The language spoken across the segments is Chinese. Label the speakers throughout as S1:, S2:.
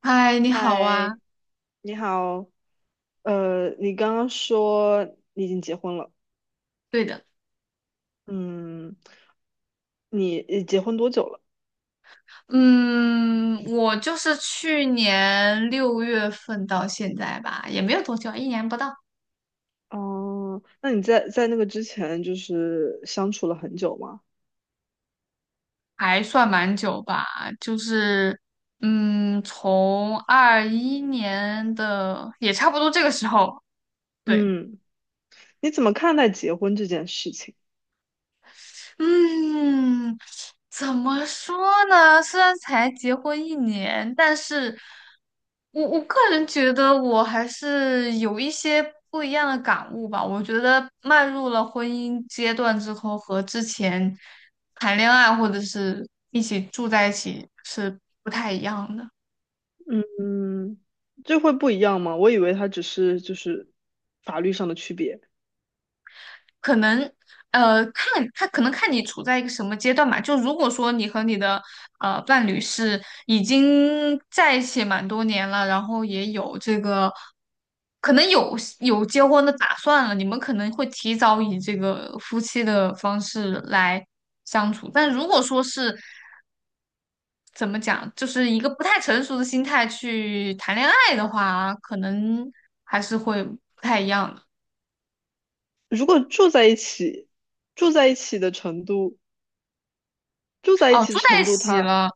S1: 嗨，你好啊。
S2: 嗨，你好。你刚刚说你已经结婚了，
S1: 对的，
S2: 嗯，你结婚多久了？
S1: 嗯，我就是去年六月份到现在吧，也没有多久，一年不到，
S2: 哦，那你在那个之前就是相处了很久吗？
S1: 还算蛮久吧。就是，从二一年的也差不多这个时候，对。
S2: 嗯，你怎么看待结婚这件事情？
S1: 嗯，怎么说呢？虽然才结婚一年，但是我个人觉得我还是有一些不一样的感悟吧。我觉得迈入了婚姻阶段之后，和之前谈恋爱或者是一起住在一起是不太一样的。
S2: 嗯，这会不一样吗？我以为它只是就是法律上的区别。
S1: 可能看他可能看你处在一个什么阶段吧。就如果说你和你的伴侣是已经在一起蛮多年了，然后也有这个可能有结婚的打算了，你们可能会提早以这个夫妻的方式来相处。但如果说是怎么讲，就是一个不太成熟的心态去谈恋爱的话，可能还是会不太一样的。
S2: 如果住在一起，住在一起的程度，住在一
S1: 哦，
S2: 起
S1: 住在
S2: 程
S1: 一
S2: 度
S1: 起
S2: 它，
S1: 了。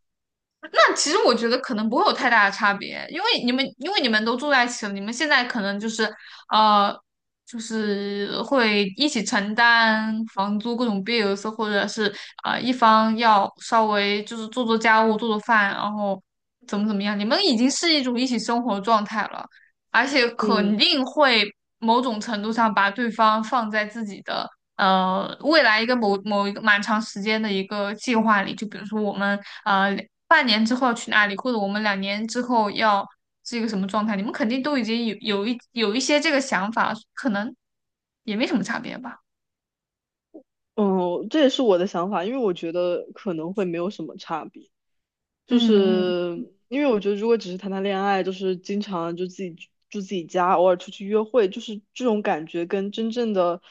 S1: 那其实我觉得可能不会有太大的差别，因为你们都住在一起了，你们现在可能就是呃，就是会一起承担房租各种 bills，或者是一方要稍微就是做做家务、做做饭，然后怎么怎么样，你们已经是一种一起生活的状态了，而且肯
S2: 嗯。
S1: 定会某种程度上把对方放在自己的未来一个某一个蛮长时间的一个计划里，就比如说我们呃半年之后要去哪里，或者我们两年之后要是一个什么状态，你们肯定都已经有有一有一些这个想法，可能也没什么差别吧。
S2: 嗯，这也是我的想法，因为我觉得可能会没有什么差别，就
S1: 嗯嗯。
S2: 是因为我觉得如果只是谈谈恋爱，就是经常就自己住住自己家，偶尔出去约会，就是这种感觉跟真正的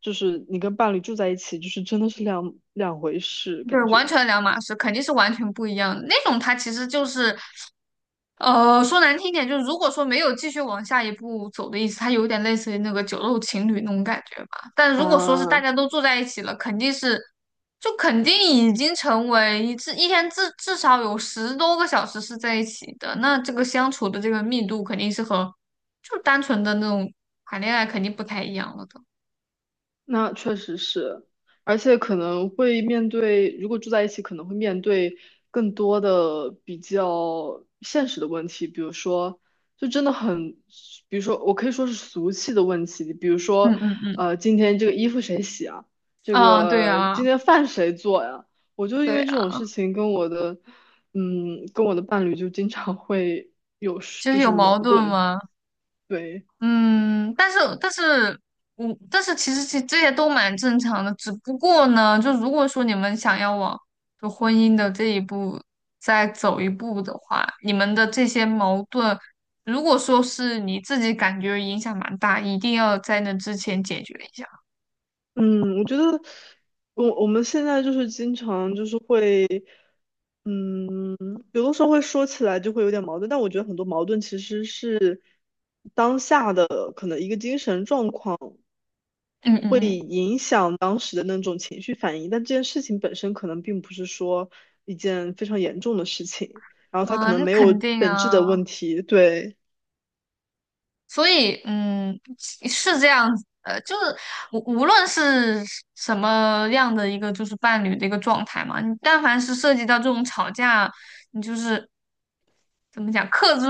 S2: 就是你跟伴侣住在一起，就是真的是两回事
S1: 对，
S2: 感
S1: 完
S2: 觉。
S1: 全两码事，肯定是完全不一样的。那种它其实就是，说难听一点，就是如果说没有继续往下一步走的意思，它有点类似于那个酒肉情侣那种感觉吧。但如果说是大
S2: 啊。
S1: 家都住在一起了，肯定是，就肯定已经成为一天至少有十多个小时是在一起的，那这个相处的这个密度肯定是和就单纯的那种谈恋爱肯定不太一样了的。
S2: 那确实是，而且可能会面对，如果住在一起，可能会面对更多的比较现实的问题，比如说，就真的很，比如说，我可以说是俗气的问题，比如
S1: 嗯
S2: 说，
S1: 嗯，
S2: 今天这个衣服谁洗啊？这
S1: 啊，对
S2: 个
S1: 啊，
S2: 今天饭谁做呀？我就因
S1: 对
S2: 为这
S1: 啊，
S2: 种事情跟我的，跟我的伴侣就经常会有，
S1: 就是
S2: 就
S1: 有
S2: 是矛
S1: 矛盾
S2: 盾，
S1: 吗？
S2: 对。
S1: 嗯，但是但是，但是,其实这些都蛮正常的，只不过呢，就如果说你们想要往就婚姻的这一步再走一步的话，你们的这些矛盾，如果说是你自己感觉影响蛮大，一定要在那之前解决一下。
S2: 嗯，我觉得我们现在就是经常就是会，嗯，有的时候会说起来就会有点矛盾，但我觉得很多矛盾其实是当下的可能一个精神状况
S1: 嗯嗯
S2: 会
S1: 嗯。
S2: 影响当时的那种情绪反应，但这件事情本身可能并不是说一件非常严重的事情，然后它可
S1: 啊，
S2: 能
S1: 那
S2: 没
S1: 肯
S2: 有
S1: 定
S2: 本质
S1: 啊。
S2: 的问题，对，
S1: 所以，嗯，是是这样子的，就是无论是什么样的一个就是伴侣的一个状态嘛，你但凡是涉及到这种吵架，你就是怎么讲，克制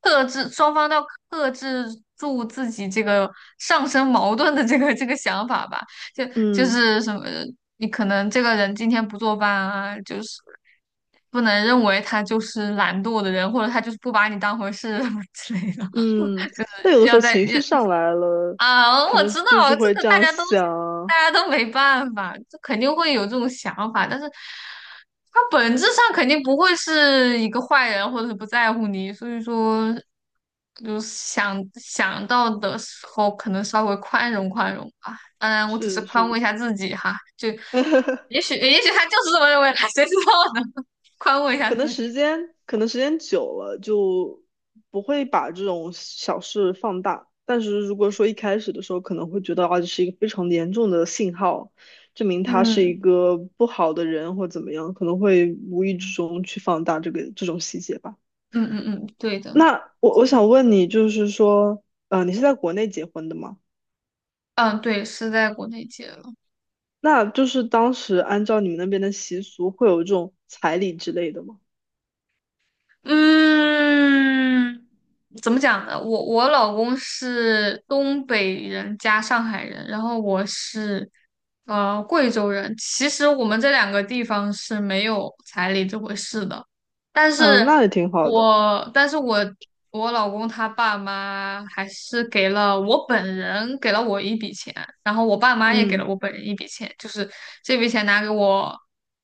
S1: 克制双方都要克制住自己这个上升矛盾的这个这个想法吧。就就
S2: 嗯
S1: 是什么，你可能这个人今天不做饭啊，就是。不能认为他就是懒惰的人，或者他就是不把你当回事 之类的，
S2: 嗯，那有的时
S1: 要
S2: 候
S1: 在
S2: 情
S1: 要。
S2: 绪上来了，
S1: 啊，
S2: 可
S1: 我
S2: 能
S1: 知道
S2: 就是
S1: 这
S2: 会
S1: 个
S2: 这
S1: 大
S2: 样
S1: 家都
S2: 想。
S1: 大家都没办法，这肯定会有这种想法，但是他本质上肯定不会是一个坏人，或者是不在乎你，所以说就是想到的时候，可能稍微宽容宽容吧。当然，我只是
S2: 是
S1: 宽慰
S2: 是，
S1: 一下自己哈，就也 许也许他就是这么认为的，谁知道呢？宽慰一下
S2: 可能
S1: 自己。
S2: 时间可能时间久了就不会把这种小事放大，但是如果说一开始的时候可能会觉得啊，这是一个非常严重的信号，证明他是一
S1: 嗯
S2: 个不好的人或怎么样，可能会无意之中去放大这种细节吧。
S1: 嗯嗯嗯，对的。
S2: 那我想问你，就是说，你是在国内结婚的吗？
S1: 嗯，对，是在国内结。
S2: 那就是当时按照你们那边的习俗，会有这种彩礼之类的吗？
S1: 嗯，怎么讲呢？我我老公是东北人加上海人，然后我是贵州人。其实我们这两个地方是没有彩礼这回事的。但
S2: 嗯、
S1: 是
S2: 那也挺好的。
S1: 但是我老公他爸妈还是给了我一笔钱，然后我爸妈也给
S2: 嗯。
S1: 了我本人一笔钱，就是这笔钱拿给我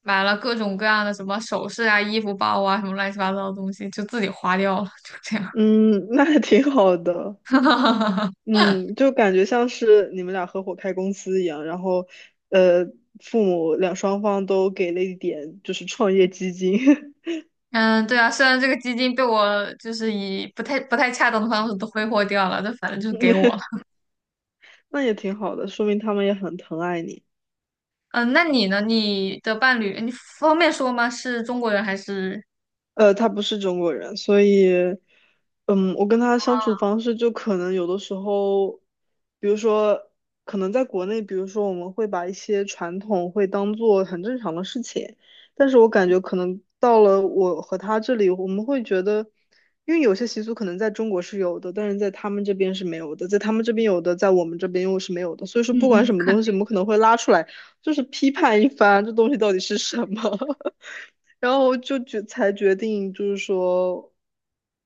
S1: 买了各种各样的什么首饰啊、衣服、包啊什么乱七八糟的东西，就自己花掉了，就这样。
S2: 嗯，那还挺好的。嗯，就感觉像是你们俩合伙开公司一样，然后，呃，父母双方都给了一点就是创业基金，
S1: 嗯，对啊，虽然这个基金被我就是以不太恰当的方式都挥霍掉了，但反正就是给我了。
S2: 那也挺好的，说明他们也很疼爱你。
S1: 嗯，那你呢？你的伴侣，你方便说吗？是中国人还是
S2: 他不是中国人，所以，我跟他相处方式就可能有的时候，比如说，可能在国内，比如说我们会把一些传统会当做很正常的事情，但是我感觉可能到了我和他这里，我们会觉得，因为有些习俗可能在中国是有的，但是在他们这边是没有的，在他们这边有的，在我们这边又是没有的，所以说
S1: 嗯
S2: 不管
S1: 嗯，
S2: 什么
S1: 肯
S2: 东西，我们
S1: 定。
S2: 可能会拉出来，就是批判一番，这东西到底是什么。然后就决定就是说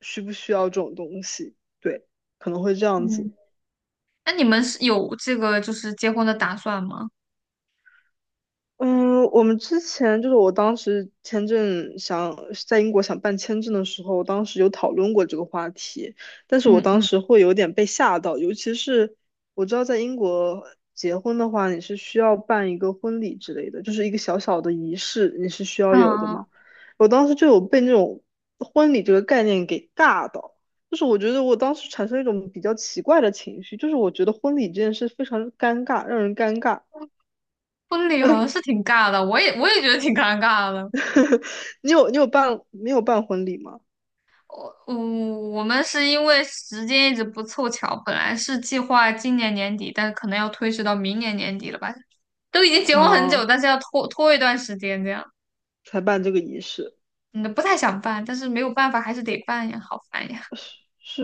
S2: 需不需要这种东西，对，可能会这样
S1: 嗯，
S2: 子。
S1: 那你们是有这个就是结婚的打算吗？
S2: 嗯，我们之前就是我当时签证想在英国想办签证的时候，当时有讨论过这个话题，但是我
S1: 嗯
S2: 当
S1: 嗯。
S2: 时会有点被吓到，尤其是我知道在英国结婚的话，你是需要办一个婚礼之类的，就是一个小小的仪式，你是需要有的
S1: 嗯，
S2: 嘛。我当时就有被那种婚礼这个概念给尬到，就是我觉得我当时产生一种比较奇怪的情绪，就是我觉得婚礼这件事非常尴尬，让人尴尬。
S1: 婚礼好像是挺尬的，我也觉得挺尴尬的。
S2: 你有办没有办婚礼吗？
S1: 我我们是因为时间一直不凑巧，本来是计划今年年底，但是可能要推迟到明年年底了吧？都已经结婚很久，
S2: 哦，
S1: 但是要拖一段时间这样。
S2: 才办这个仪式，
S1: 嗯，不太想办，但是没有办法，还是得办呀，好烦呀。
S2: 是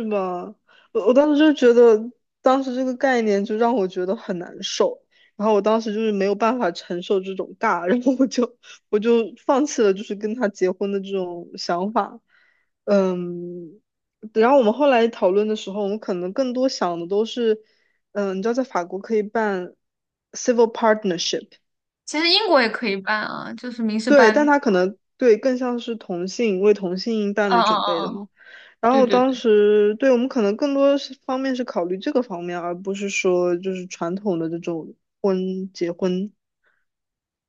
S2: 是吧？我当时就觉得，当时这个概念就让我觉得很难受，然后我当时就是没有办法承受这种尬，然后我就放弃了，就是跟他结婚的这种想法。嗯，然后我们后来讨论的时候，我们可能更多想的都是，你知道在法国可以办 civil partnership。
S1: 其实英国也可以办啊，就是民事
S2: 对，
S1: 伴
S2: 但
S1: 侣。
S2: 他可能对更像是为同性伴
S1: 嗯
S2: 侣
S1: 嗯
S2: 准备的
S1: 嗯嗯，
S2: 嘛。然
S1: 对
S2: 后
S1: 对。
S2: 当时对我们可能更多是方面是考虑这个方面，而不是说就是传统的这种结婚。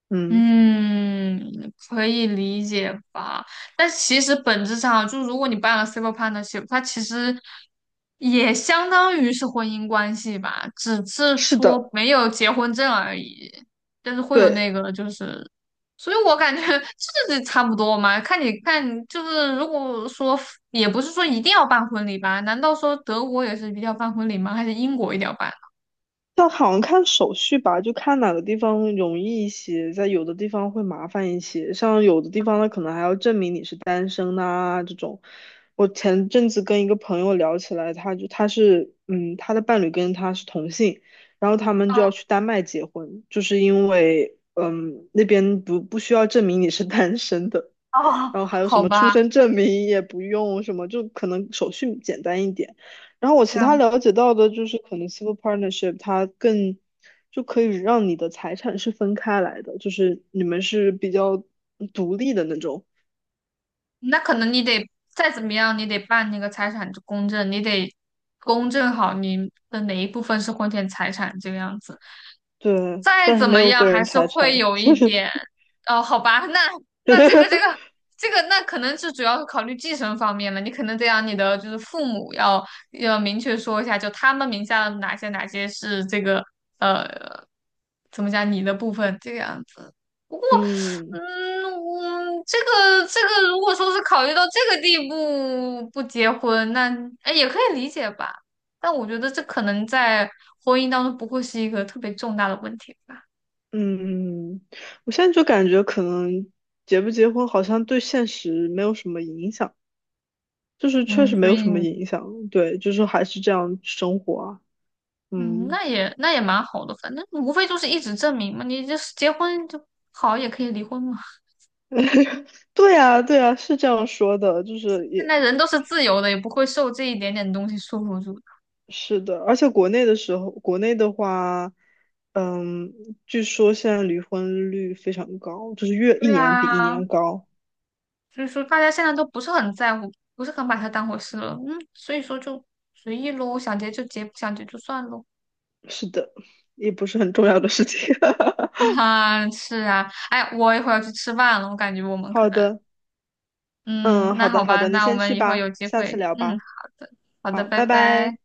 S2: 嗯，
S1: 嗯，可以理解吧？但其实本质上，就如果你办了 civil partnership，它其实也相当于是婚姻关系吧，只是
S2: 是
S1: 说
S2: 的，
S1: 没有结婚证而已。但是会有
S2: 对。
S1: 那个，就是，所以我感觉 这差不多嘛。看你看，就是如果说也不是说一定要办婚礼吧？难道说德国也是一定要办婚礼吗？还是英国一定要办？
S2: 但好像看手续吧，就看哪个地方容易一些，在有的地方会麻烦一些。像有的地方，它可能还要证明你是单身呐、这种。我前阵子跟一个朋友聊起来，他的伴侣跟他是同性，然后他们
S1: 哦，
S2: 就要去丹麦结婚，就是因为那边不需要证明你是 单身的。然后还有什
S1: 好
S2: 么出
S1: 吧，
S2: 生证明也不用什么，就可能手续简单一点。然后我
S1: 这
S2: 其他
S1: 样。
S2: 了解到的就是，可能 civil partnership 它更就可以让你的财产是分开来的，就是你们是比较独立的那种，
S1: 那可能你得再怎么样，你得办那个财产公证，你得公证好你的哪一部分是婚前财产这个样子。
S2: 对，
S1: 再
S2: 但是
S1: 怎
S2: 没
S1: 么
S2: 有
S1: 样，
S2: 个
S1: 还
S2: 人
S1: 是
S2: 财
S1: 会
S2: 产。
S1: 有一点，哦，好吧。那那这个这个 这个，那可能是主要是考虑继承方面了。你可能得让你的就是父母要要明确说一下，就他们名下的哪些哪些是这个呃，怎么讲你的部分这个样子。不过。
S2: 嗯
S1: 嗯，我这个这个，如果说是考虑到这个地步不结婚，那哎也可以理解吧。但我觉得这可能在婚姻当中不会是一个特别重大的问题吧。
S2: 嗯，我现在就感觉可能结不结婚好像对现实没有什么影响，就是确
S1: 嗯，
S2: 实没
S1: 所
S2: 有
S1: 以
S2: 什么影响，对，就是还是这样生活啊。
S1: 嗯，
S2: 嗯，
S1: 那也蛮好的，反正无非就是一纸证明嘛，你就是结婚就好，也可以离婚嘛。
S2: 对呀，对呀，是这样说的，就是
S1: 现
S2: 也
S1: 在人都是自由的，也不会受这一点点东西束缚住的。
S2: 是的，而且国内的时候，国内的话，嗯，据说现在离婚率非常高，就是越一
S1: 对
S2: 年比一
S1: 啊，
S2: 年高。
S1: 所以说大家现在都不是很在乎，不是很把它当回事了。嗯，所以说就随意喽，想结就结，不想结就算喽。
S2: 是的，也不是很重要的事情。
S1: 啊 哈，是啊，哎，我一会儿要去吃饭了，我感觉我们可
S2: 好
S1: 能，
S2: 的，
S1: 嗯，
S2: 嗯，
S1: 那
S2: 好
S1: 好
S2: 的，好
S1: 吧，
S2: 的，你
S1: 那我
S2: 先
S1: 们
S2: 去
S1: 以后
S2: 吧，
S1: 有机
S2: 下次
S1: 会，
S2: 聊
S1: 嗯，
S2: 吧。
S1: 好的，好的，
S2: 好，
S1: 拜
S2: 拜
S1: 拜。
S2: 拜。